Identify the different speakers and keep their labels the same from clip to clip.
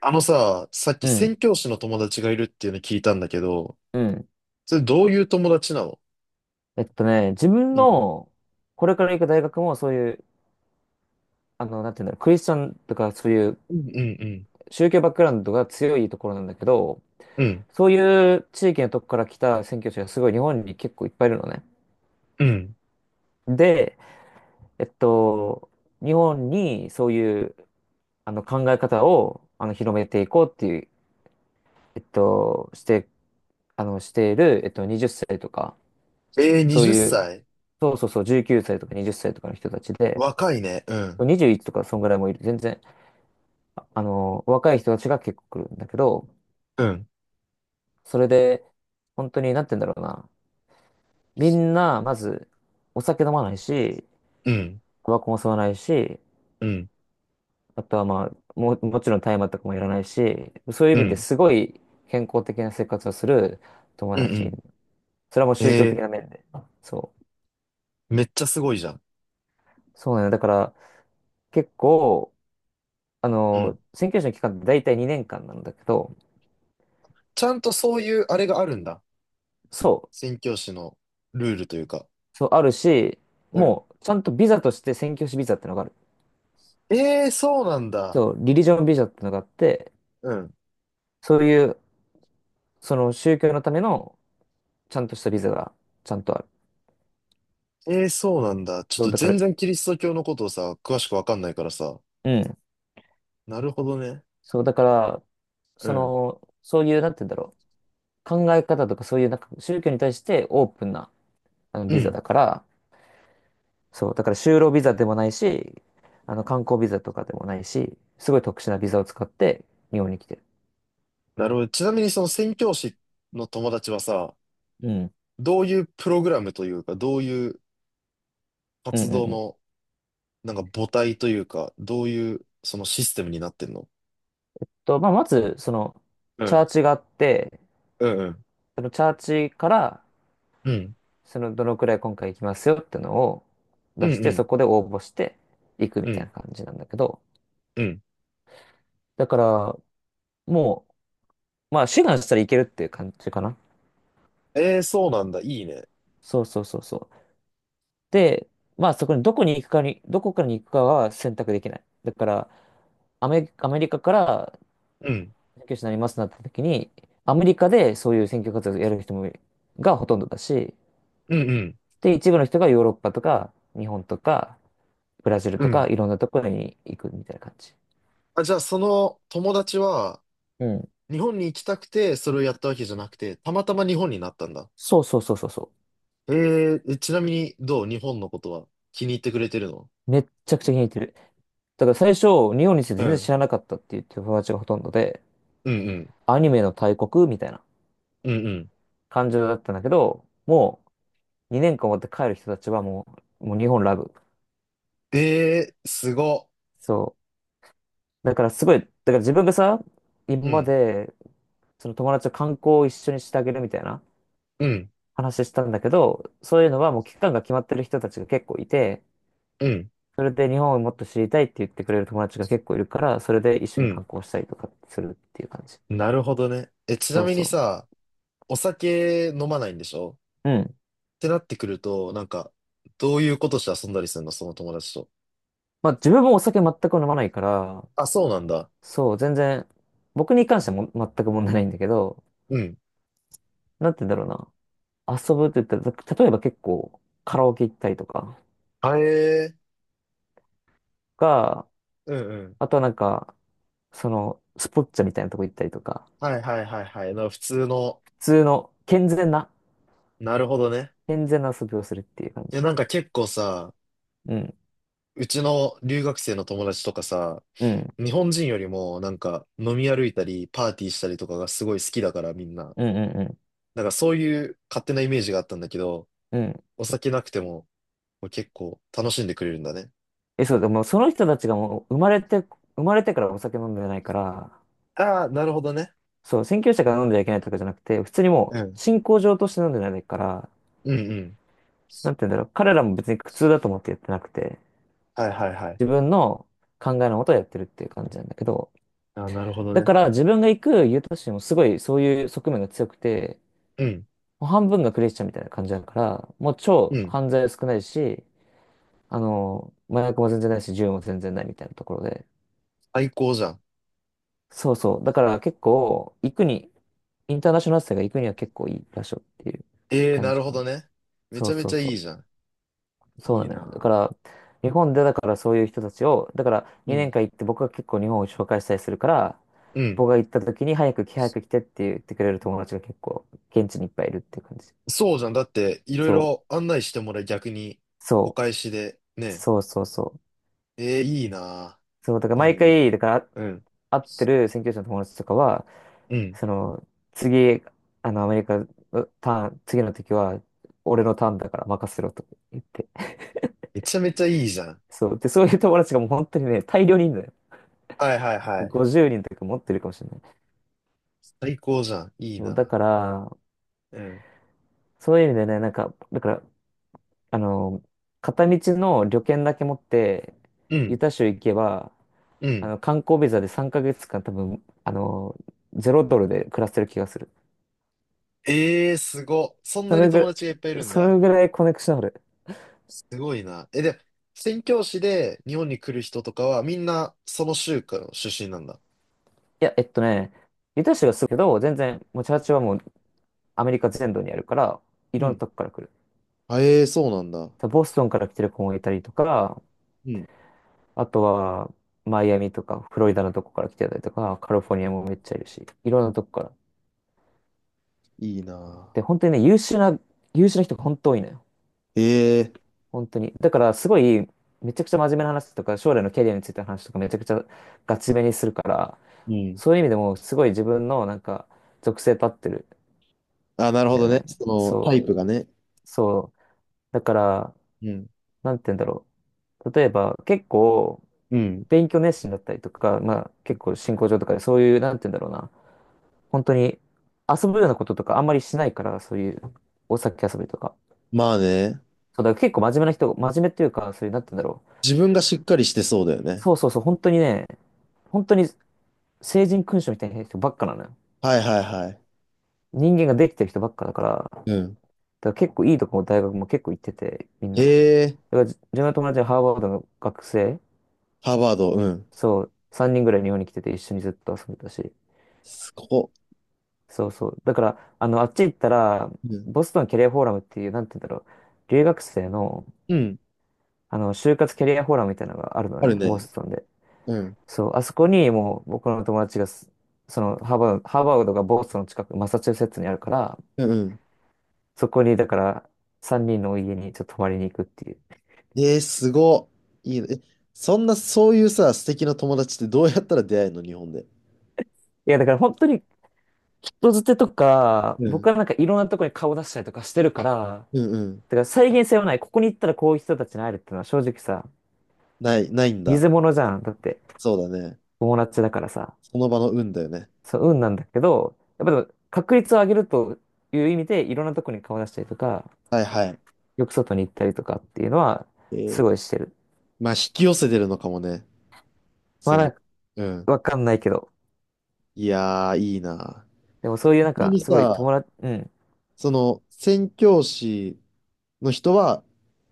Speaker 1: あのさ、さっき
Speaker 2: う
Speaker 1: 宣
Speaker 2: ん。
Speaker 1: 教師の友達がいるっていうの聞いたんだけど、
Speaker 2: うん。
Speaker 1: それどういう友達なの？
Speaker 2: 自分
Speaker 1: うん。
Speaker 2: の、これから行く大学もそういう、なんていうんだろう、クリスチャンとかそういう
Speaker 1: うんうん
Speaker 2: 宗教バックグラウンドが強いところなんだけど、
Speaker 1: うん。うん。
Speaker 2: そういう地域のとこから来た宣教師がすごい日本に結構いっぱいいるのね。
Speaker 1: うん。
Speaker 2: で、えっと、日本にそういう、考え方を、広めていこうっていう、えっと、して、している、20歳とか、
Speaker 1: えー、
Speaker 2: そう
Speaker 1: 20
Speaker 2: いう、
Speaker 1: 歳
Speaker 2: そうそうそう、19歳とか20歳とかの人たちで、
Speaker 1: 若いね。うん。
Speaker 2: 21とかそんぐらいもいる。全然、若い人たちが結構来るんだけど、
Speaker 1: うん。
Speaker 2: それで、本当に、なんて言うんだろうな。みんな、まず、お酒飲まないし、
Speaker 1: うん。
Speaker 2: タバコも吸わないし、
Speaker 1: うん。
Speaker 2: あとはまあ、もう、もちろん大麻とかもいらないし、そういう
Speaker 1: う
Speaker 2: 意味で
Speaker 1: ん。
Speaker 2: すごい健康的な生活をする友
Speaker 1: うん。う
Speaker 2: 達。
Speaker 1: ん。
Speaker 2: それはもう宗教的
Speaker 1: え
Speaker 2: な面で。そう。
Speaker 1: ー、めっちゃすごいじゃん。
Speaker 2: そうなのよ。だから、結構、
Speaker 1: うん。
Speaker 2: 宣教師の期間って大体2年間なんだけど、
Speaker 1: ちゃんとそういうあれがあるんだ。
Speaker 2: そう。
Speaker 1: 宣教師のルールというか。
Speaker 2: そう、あるし、
Speaker 1: うん。
Speaker 2: もう、ちゃんとビザとして宣教師ビザってのがある。
Speaker 1: えー、そうなんだ。
Speaker 2: そう、リリジョンビザってのがあって、
Speaker 1: うん。
Speaker 2: そういう、その宗教のための、ちゃんとしたビザが、ちゃんとある。
Speaker 1: えー、そうなんだ。ちょっ
Speaker 2: そう、
Speaker 1: と
Speaker 2: だか
Speaker 1: 全
Speaker 2: ら、
Speaker 1: 然キリスト教のことをさ、詳しくわかんないからさ。
Speaker 2: うん。
Speaker 1: なるほどね。
Speaker 2: そう、だから、
Speaker 1: う
Speaker 2: そ
Speaker 1: ん。
Speaker 2: の、そういう、なんて言うんだろう。考え方とか、そういう、なんか、宗教に対してオープンな、
Speaker 1: う
Speaker 2: ビザ
Speaker 1: ん。
Speaker 2: だから、そう、だから、就労ビザでもないし、観光ビザとかでもないし、すごい特殊なビザを使って、日本に来てる。
Speaker 1: なるほど。ちなみにその宣教師の友達はさ、
Speaker 2: うん。
Speaker 1: どういうプログラムというか、どういう
Speaker 2: うんう
Speaker 1: 活
Speaker 2: ん
Speaker 1: 動
Speaker 2: うん
Speaker 1: の、なんか母体というか、どういうそのシステムになってんの？
Speaker 2: と、まあ、まず、その、
Speaker 1: う
Speaker 2: チャー
Speaker 1: ん。
Speaker 2: チがあって、
Speaker 1: うんうん。
Speaker 2: そのチャーチから、
Speaker 1: うん。
Speaker 2: その、どのくらい今回行きますよってのを
Speaker 1: う
Speaker 2: 出
Speaker 1: ん
Speaker 2: し
Speaker 1: う
Speaker 2: て、そ
Speaker 1: ん。
Speaker 2: こで応募して行く
Speaker 1: う
Speaker 2: みたい
Speaker 1: ん。
Speaker 2: な感じなんだけど、
Speaker 1: うん。
Speaker 2: だから、もうまあ、志願したらいけるっていう感じかな。
Speaker 1: ええ、そうなんだ。いいね。
Speaker 2: そうそうそうそう。で、まあ、そこにどこに行くかに、どこからに行くかは選択できない。だから、アメリカから
Speaker 1: うん。
Speaker 2: 選挙手になりますなった時に、アメリカでそういう選挙活動をやる人も、がほとんどだし、
Speaker 1: うんうん。
Speaker 2: で、一部の人がヨーロッパとか、日本とか、ブラジル
Speaker 1: う
Speaker 2: とか、
Speaker 1: ん。
Speaker 2: いろんなところに行くみたいな感じ。
Speaker 1: あ、じゃあその友達は、
Speaker 2: うん。
Speaker 1: 日本に行きたくて、それをやったわけじゃなくて、たまたま日本になったんだ。
Speaker 2: そうそうそうそうそ
Speaker 1: ええ、ちなみにどう？日本のことは気に入ってくれてるの？
Speaker 2: う。めっちゃくちゃ気に入ってる。だから最初、日本について
Speaker 1: う
Speaker 2: 全然知
Speaker 1: ん。
Speaker 2: らなかったっていう友達がほとんどで、
Speaker 1: うんうん。
Speaker 2: アニメの大国みたいな
Speaker 1: うんうん。
Speaker 2: 感情だったんだけど、もう2年間終わって帰る人たちはもう日本ラブ。
Speaker 1: えー、すご。
Speaker 2: そう。だからすごい、だから自分がさ、今
Speaker 1: う
Speaker 2: ま
Speaker 1: ん、
Speaker 2: で、その友達と観光を一緒にしてあげるみたいな
Speaker 1: うん、
Speaker 2: 話したんだけど、そういうのはもう期間が決まってる人たちが結構いて、
Speaker 1: うん、
Speaker 2: それで日本をもっと知りたいって言ってくれる友達が結構いるから、それで一
Speaker 1: う
Speaker 2: 緒に
Speaker 1: ん。
Speaker 2: 観光したりとかするっていう感じ。
Speaker 1: なるほどね。え、ちな
Speaker 2: そう
Speaker 1: みに
Speaker 2: そ
Speaker 1: さ、お酒飲まないんでしょ？
Speaker 2: う。うん。
Speaker 1: ってなってくると、なんか、どういうことして遊んだりするの、その友達と。
Speaker 2: まあ自分もお酒全く飲まないから、
Speaker 1: あ、そうなんだ。
Speaker 2: そう、全然、僕に関してはも全く問題ないんだけど、
Speaker 1: うん。
Speaker 2: なんて言うんだろうな。遊ぶって言ったら、例えば結構カラオケ行ったりとか
Speaker 1: あえー、
Speaker 2: が、
Speaker 1: うんうん。
Speaker 2: あとはなんか、その、スポッチャみたいなとこ行ったりとか、
Speaker 1: はいはいはいはい。普通の、
Speaker 2: 普通の健全な、
Speaker 1: なるほどね。
Speaker 2: 健全な遊びをするっていう感
Speaker 1: い
Speaker 2: じ。
Speaker 1: や、なんか結構さ、
Speaker 2: うん。
Speaker 1: うちの留学生の友達とかさ、
Speaker 2: うん。
Speaker 1: 日本人よりもなんか飲み歩いたり、パーティーしたりとかがすごい好きだからみんな。
Speaker 2: うんうんうん。
Speaker 1: なんかそういう勝手なイメージがあったんだけど、
Speaker 2: うん。
Speaker 1: お酒なくてももう結構楽しんでくれるんだね。
Speaker 2: え、そう、でもその人たちがもう生まれて、生まれてからお酒飲んでないから、
Speaker 1: ああ、なるほどね。
Speaker 2: そう、宣教師が飲んではいけないとかじゃなくて、普通にも
Speaker 1: う
Speaker 2: う
Speaker 1: ん。
Speaker 2: 信仰上として飲んでないから、
Speaker 1: うんうん。
Speaker 2: なんて言うんだろう、彼らも別に苦痛だと思ってやってなくて、
Speaker 1: はいはいはい。
Speaker 2: 自分の考えのことをやってるっていう感じなんだけど、
Speaker 1: ああ、なるほど
Speaker 2: だ
Speaker 1: ね。
Speaker 2: から自分が行くユタ市もすごいそういう側面が強くて、
Speaker 1: うん。
Speaker 2: もう半分がクリスチャンみたいな感じだから、もう
Speaker 1: う
Speaker 2: 超
Speaker 1: ん。
Speaker 2: 犯罪少ないし、麻薬も全然ないし、銃も全然ないみたいなところで、
Speaker 1: 最高じゃん。
Speaker 2: そうそう。だから結構、行くに、インターナショナル生が行くには結構いい場所っていう
Speaker 1: ええー、
Speaker 2: 感
Speaker 1: な
Speaker 2: じ
Speaker 1: る
Speaker 2: か
Speaker 1: ほど
Speaker 2: な。
Speaker 1: ね。め
Speaker 2: そ
Speaker 1: ち
Speaker 2: う
Speaker 1: ゃめ
Speaker 2: そ
Speaker 1: ち
Speaker 2: う
Speaker 1: ゃいい
Speaker 2: そ
Speaker 1: じゃん。
Speaker 2: う。そう
Speaker 1: い
Speaker 2: な
Speaker 1: い
Speaker 2: のよ。だ
Speaker 1: な。
Speaker 2: から、日本でだからそういう人たちを、だから
Speaker 1: う
Speaker 2: 2
Speaker 1: ん。
Speaker 2: 年間行って僕が結構日本を紹介したりするから、
Speaker 1: うん。
Speaker 2: 僕が行った時に早く来てって言ってくれる友達が結構現地にいっぱいいるっていう感じ。
Speaker 1: そうじゃん。だって、いろい
Speaker 2: そう、
Speaker 1: ろ案内してもらい、逆に、お
Speaker 2: そ
Speaker 1: 返しで、ね。
Speaker 2: そうそうそう。
Speaker 1: ええー、いいな。
Speaker 2: そう、だから
Speaker 1: いい
Speaker 2: 毎
Speaker 1: な、いい
Speaker 2: 回、
Speaker 1: な。
Speaker 2: だから
Speaker 1: うん。
Speaker 2: 会ってる宣教師の友達とかは、
Speaker 1: うん。
Speaker 2: その、次、あの、アメリカ、うターン、次の時は、俺のターンだから任せろと言って。
Speaker 1: めちゃめちゃいいじゃん。
Speaker 2: そう。で、そういう友達がもう本当にね、大量にいるのよ。
Speaker 1: はいはいはい。
Speaker 2: 50人とか持ってるかもしれない。
Speaker 1: 最高じゃん。いい
Speaker 2: そう、だ
Speaker 1: な。
Speaker 2: から、
Speaker 1: うん
Speaker 2: そういう意味でね、なんか、だから、あの、片道の旅券だけ持って、
Speaker 1: う
Speaker 2: ユ
Speaker 1: ん、
Speaker 2: タ州行けば、
Speaker 1: うん。
Speaker 2: 観光ビザで3ヶ月間多分、ゼロドルで暮らせる気がする。
Speaker 1: ええすご。そん
Speaker 2: そ
Speaker 1: なに
Speaker 2: れぐら
Speaker 1: 友
Speaker 2: い、
Speaker 1: 達がいっぱいいるん
Speaker 2: そ
Speaker 1: だ。
Speaker 2: れぐらいコネクションある。
Speaker 1: すごいな。え、で、宣教師で日本に来る人とかはみんなその州からの出身なんだ。
Speaker 2: いや、えっとね、ユタ州がすぐけど、全然、もうチャーチはもうアメリカ全土にあるから、い
Speaker 1: う
Speaker 2: ろんな
Speaker 1: ん。
Speaker 2: とこから来る。
Speaker 1: あ、ええそうなんだ。
Speaker 2: ボストンから来てる子もいたりとか、
Speaker 1: うん。
Speaker 2: あとは、マイアミとか、フロリダのとこから来てたりとか、カリフォルニアもめっちゃいるし、いろんなとこから。
Speaker 1: いいな
Speaker 2: で、本当にね、優秀な人が本当多いのよ。
Speaker 1: ぁ。ええ
Speaker 2: 本当に。だから、すごい、めちゃくちゃ真面目な話とか、将来のキャリアについての話とか、めちゃくちゃガチめにするから、
Speaker 1: うん。
Speaker 2: そういう意味でも、すごい自分の、なんか、属性立ってる
Speaker 1: あ、なる
Speaker 2: ん
Speaker 1: ほ
Speaker 2: だ
Speaker 1: ど
Speaker 2: よ
Speaker 1: ね。
Speaker 2: ね。
Speaker 1: その
Speaker 2: そ
Speaker 1: タイ
Speaker 2: う、
Speaker 1: プがね。
Speaker 2: そう。だから、
Speaker 1: うん。
Speaker 2: なんて言うんだろう。例えば、結構、
Speaker 1: うん。
Speaker 2: 勉強熱心だったりとか、まあ、結構、進行上とかで、そういう、なんて言うんだろうな。本当に、遊ぶようなこととか、あんまりしないから、そういう、お酒遊びとか。
Speaker 1: まあね。
Speaker 2: そう、だから結構真面目っていうか、そういう、なんて言うんだろう。
Speaker 1: 自分がしっかりしてそうだよね。
Speaker 2: そうそうそう、本当にね、本当に、成人君主みたいな人ばっかなのよ。
Speaker 1: はいはいはい。
Speaker 2: 人間ができてる人ばっかだから、だか
Speaker 1: うん。
Speaker 2: ら結構いいとこも大学も結構行ってて、みん
Speaker 1: へ
Speaker 2: な。だ
Speaker 1: え、
Speaker 2: から自分の友達はハーバードの学生、
Speaker 1: ハーバード、うん。
Speaker 2: そう、3人ぐらい日本に来てて一緒にずっと遊んでたし、
Speaker 1: すここ。
Speaker 2: そうそう。だから、あっち行ったら、
Speaker 1: うん。
Speaker 2: ボストンキャリアフォーラムっていう、なんて言うんだろう、留学生の、
Speaker 1: うん。
Speaker 2: 就活キャリアフォーラムみたいなのがあるの
Speaker 1: ある
Speaker 2: ね、ボ
Speaker 1: ね。
Speaker 2: ストンで。
Speaker 1: うん。
Speaker 2: そう、あそこにもう僕の友達がす、その、ハーバードがボストンの近く、マサチューセッツにあるから、
Speaker 1: うん。
Speaker 2: そこに、だから、3人のお家にちょっと泊まりに行くっていう。
Speaker 1: えー、すごいいいね。え、そんな、そういうさ、素敵な友達ってどうやったら出会えるの、日本で？
Speaker 2: いや、だから本当に、人づてとか、
Speaker 1: う
Speaker 2: 僕
Speaker 1: ん。
Speaker 2: はなんかいろんなとこに顔出したりとかしてるから、
Speaker 1: うんうん。
Speaker 2: だから再現性はない。ここに行ったらこういう人たちに会えるっていうのは正直さ、
Speaker 1: ない、ないんだ。
Speaker 2: 水物じゃん。だって。
Speaker 1: そうだね。
Speaker 2: 友達だからさ、
Speaker 1: その場の運だよね。
Speaker 2: そう、運なんだけど、やっぱでも確率を上げるという意味で、いろんなとこに顔出したりとか、
Speaker 1: はいはい。
Speaker 2: よく外に行ったりとかっていうのは、
Speaker 1: え
Speaker 2: す
Speaker 1: ー、
Speaker 2: ごいしてる。
Speaker 1: まあ、引き寄せてるのかもね。
Speaker 2: まあ
Speaker 1: そ
Speaker 2: なん
Speaker 1: の、
Speaker 2: か、
Speaker 1: うん。
Speaker 2: わかんないけど。
Speaker 1: いやー、いいな。
Speaker 2: でもそういうなん
Speaker 1: 本当
Speaker 2: か、
Speaker 1: に
Speaker 2: すごい
Speaker 1: さ、
Speaker 2: 友達、うん。
Speaker 1: その、宣教師の人は、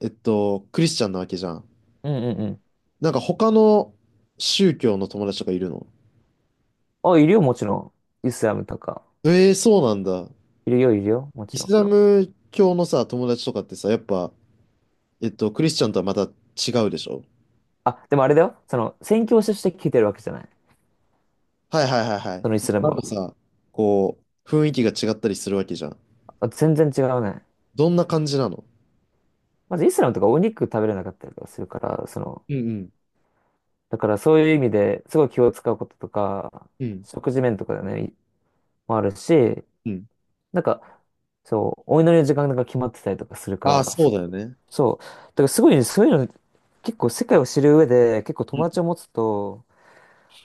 Speaker 1: クリスチャンなわけじゃん。
Speaker 2: うんうんうん。
Speaker 1: なんか他の宗教の友達とかいるの？
Speaker 2: あ、いるよ、もちろん。イスラムとか。
Speaker 1: えー、そうなんだ。
Speaker 2: いるよ、いるよ、も
Speaker 1: イ
Speaker 2: ちろ
Speaker 1: ス
Speaker 2: ん。
Speaker 1: ラム教のさ、友達とかってさ、やっぱ、クリスチャンとはまた違うでしょ？
Speaker 2: あ、でもあれだよ。その、宣教師として聞いてるわけじゃない。
Speaker 1: はいはいはいはい。
Speaker 2: そのイスラム
Speaker 1: なんか
Speaker 2: は。
Speaker 1: さ、こう、雰囲気が違ったりするわけじゃん。
Speaker 2: あ全然違うね。
Speaker 1: どんな感じなの？
Speaker 2: まずイスラムとかお肉食べれなかったりとかするから、その、
Speaker 1: うんうん
Speaker 2: だからそういう意味ですごい気を使うこととか、
Speaker 1: うん
Speaker 2: 食事面とかでね、もあるし、
Speaker 1: うん。
Speaker 2: なんか、そう、お祈りの時間が決まってたりとかするか
Speaker 1: ああ、
Speaker 2: ら、
Speaker 1: そうだよね。
Speaker 2: そう。だからすごいねそういうの、結構世界を知る上で、結構
Speaker 1: う
Speaker 2: 友
Speaker 1: ん。
Speaker 2: 達を持つと、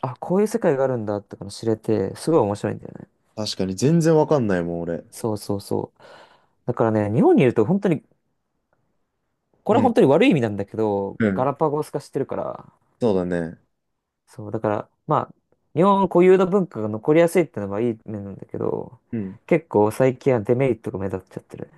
Speaker 2: あ、こういう世界があるんだっての知れて、すごい面白いんだよね。
Speaker 1: 確かに、全然わかんないもん、俺。
Speaker 2: そうそうそう。だからね、日本にいると本当に、こ
Speaker 1: う
Speaker 2: れは本
Speaker 1: ん。
Speaker 2: 当に悪い意味なんだけど、
Speaker 1: う
Speaker 2: ガ
Speaker 1: ん。
Speaker 2: ラパゴス化してるから、
Speaker 1: そうだね。
Speaker 2: そう、だから、まあ、日本固有の文化が残りやすいってのはいい面なんだけど、
Speaker 1: うん。
Speaker 2: 結構最近はデメリットが目立っちゃってる。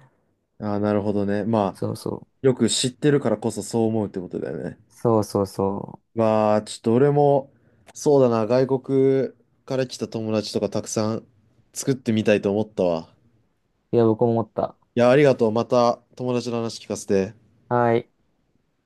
Speaker 1: ああ、なるほどね。ま
Speaker 2: そう
Speaker 1: あ、
Speaker 2: そう。
Speaker 1: よく知ってるからこそそう思うってことだよね。
Speaker 2: そうそうそ
Speaker 1: まあ、ちょっと俺も、そうだな、外国から来た友達とかたくさん作ってみたいと思ったわ。
Speaker 2: う。いや、僕も思った。
Speaker 1: いや、ありがとう。また友達の話聞かせて。
Speaker 2: はい。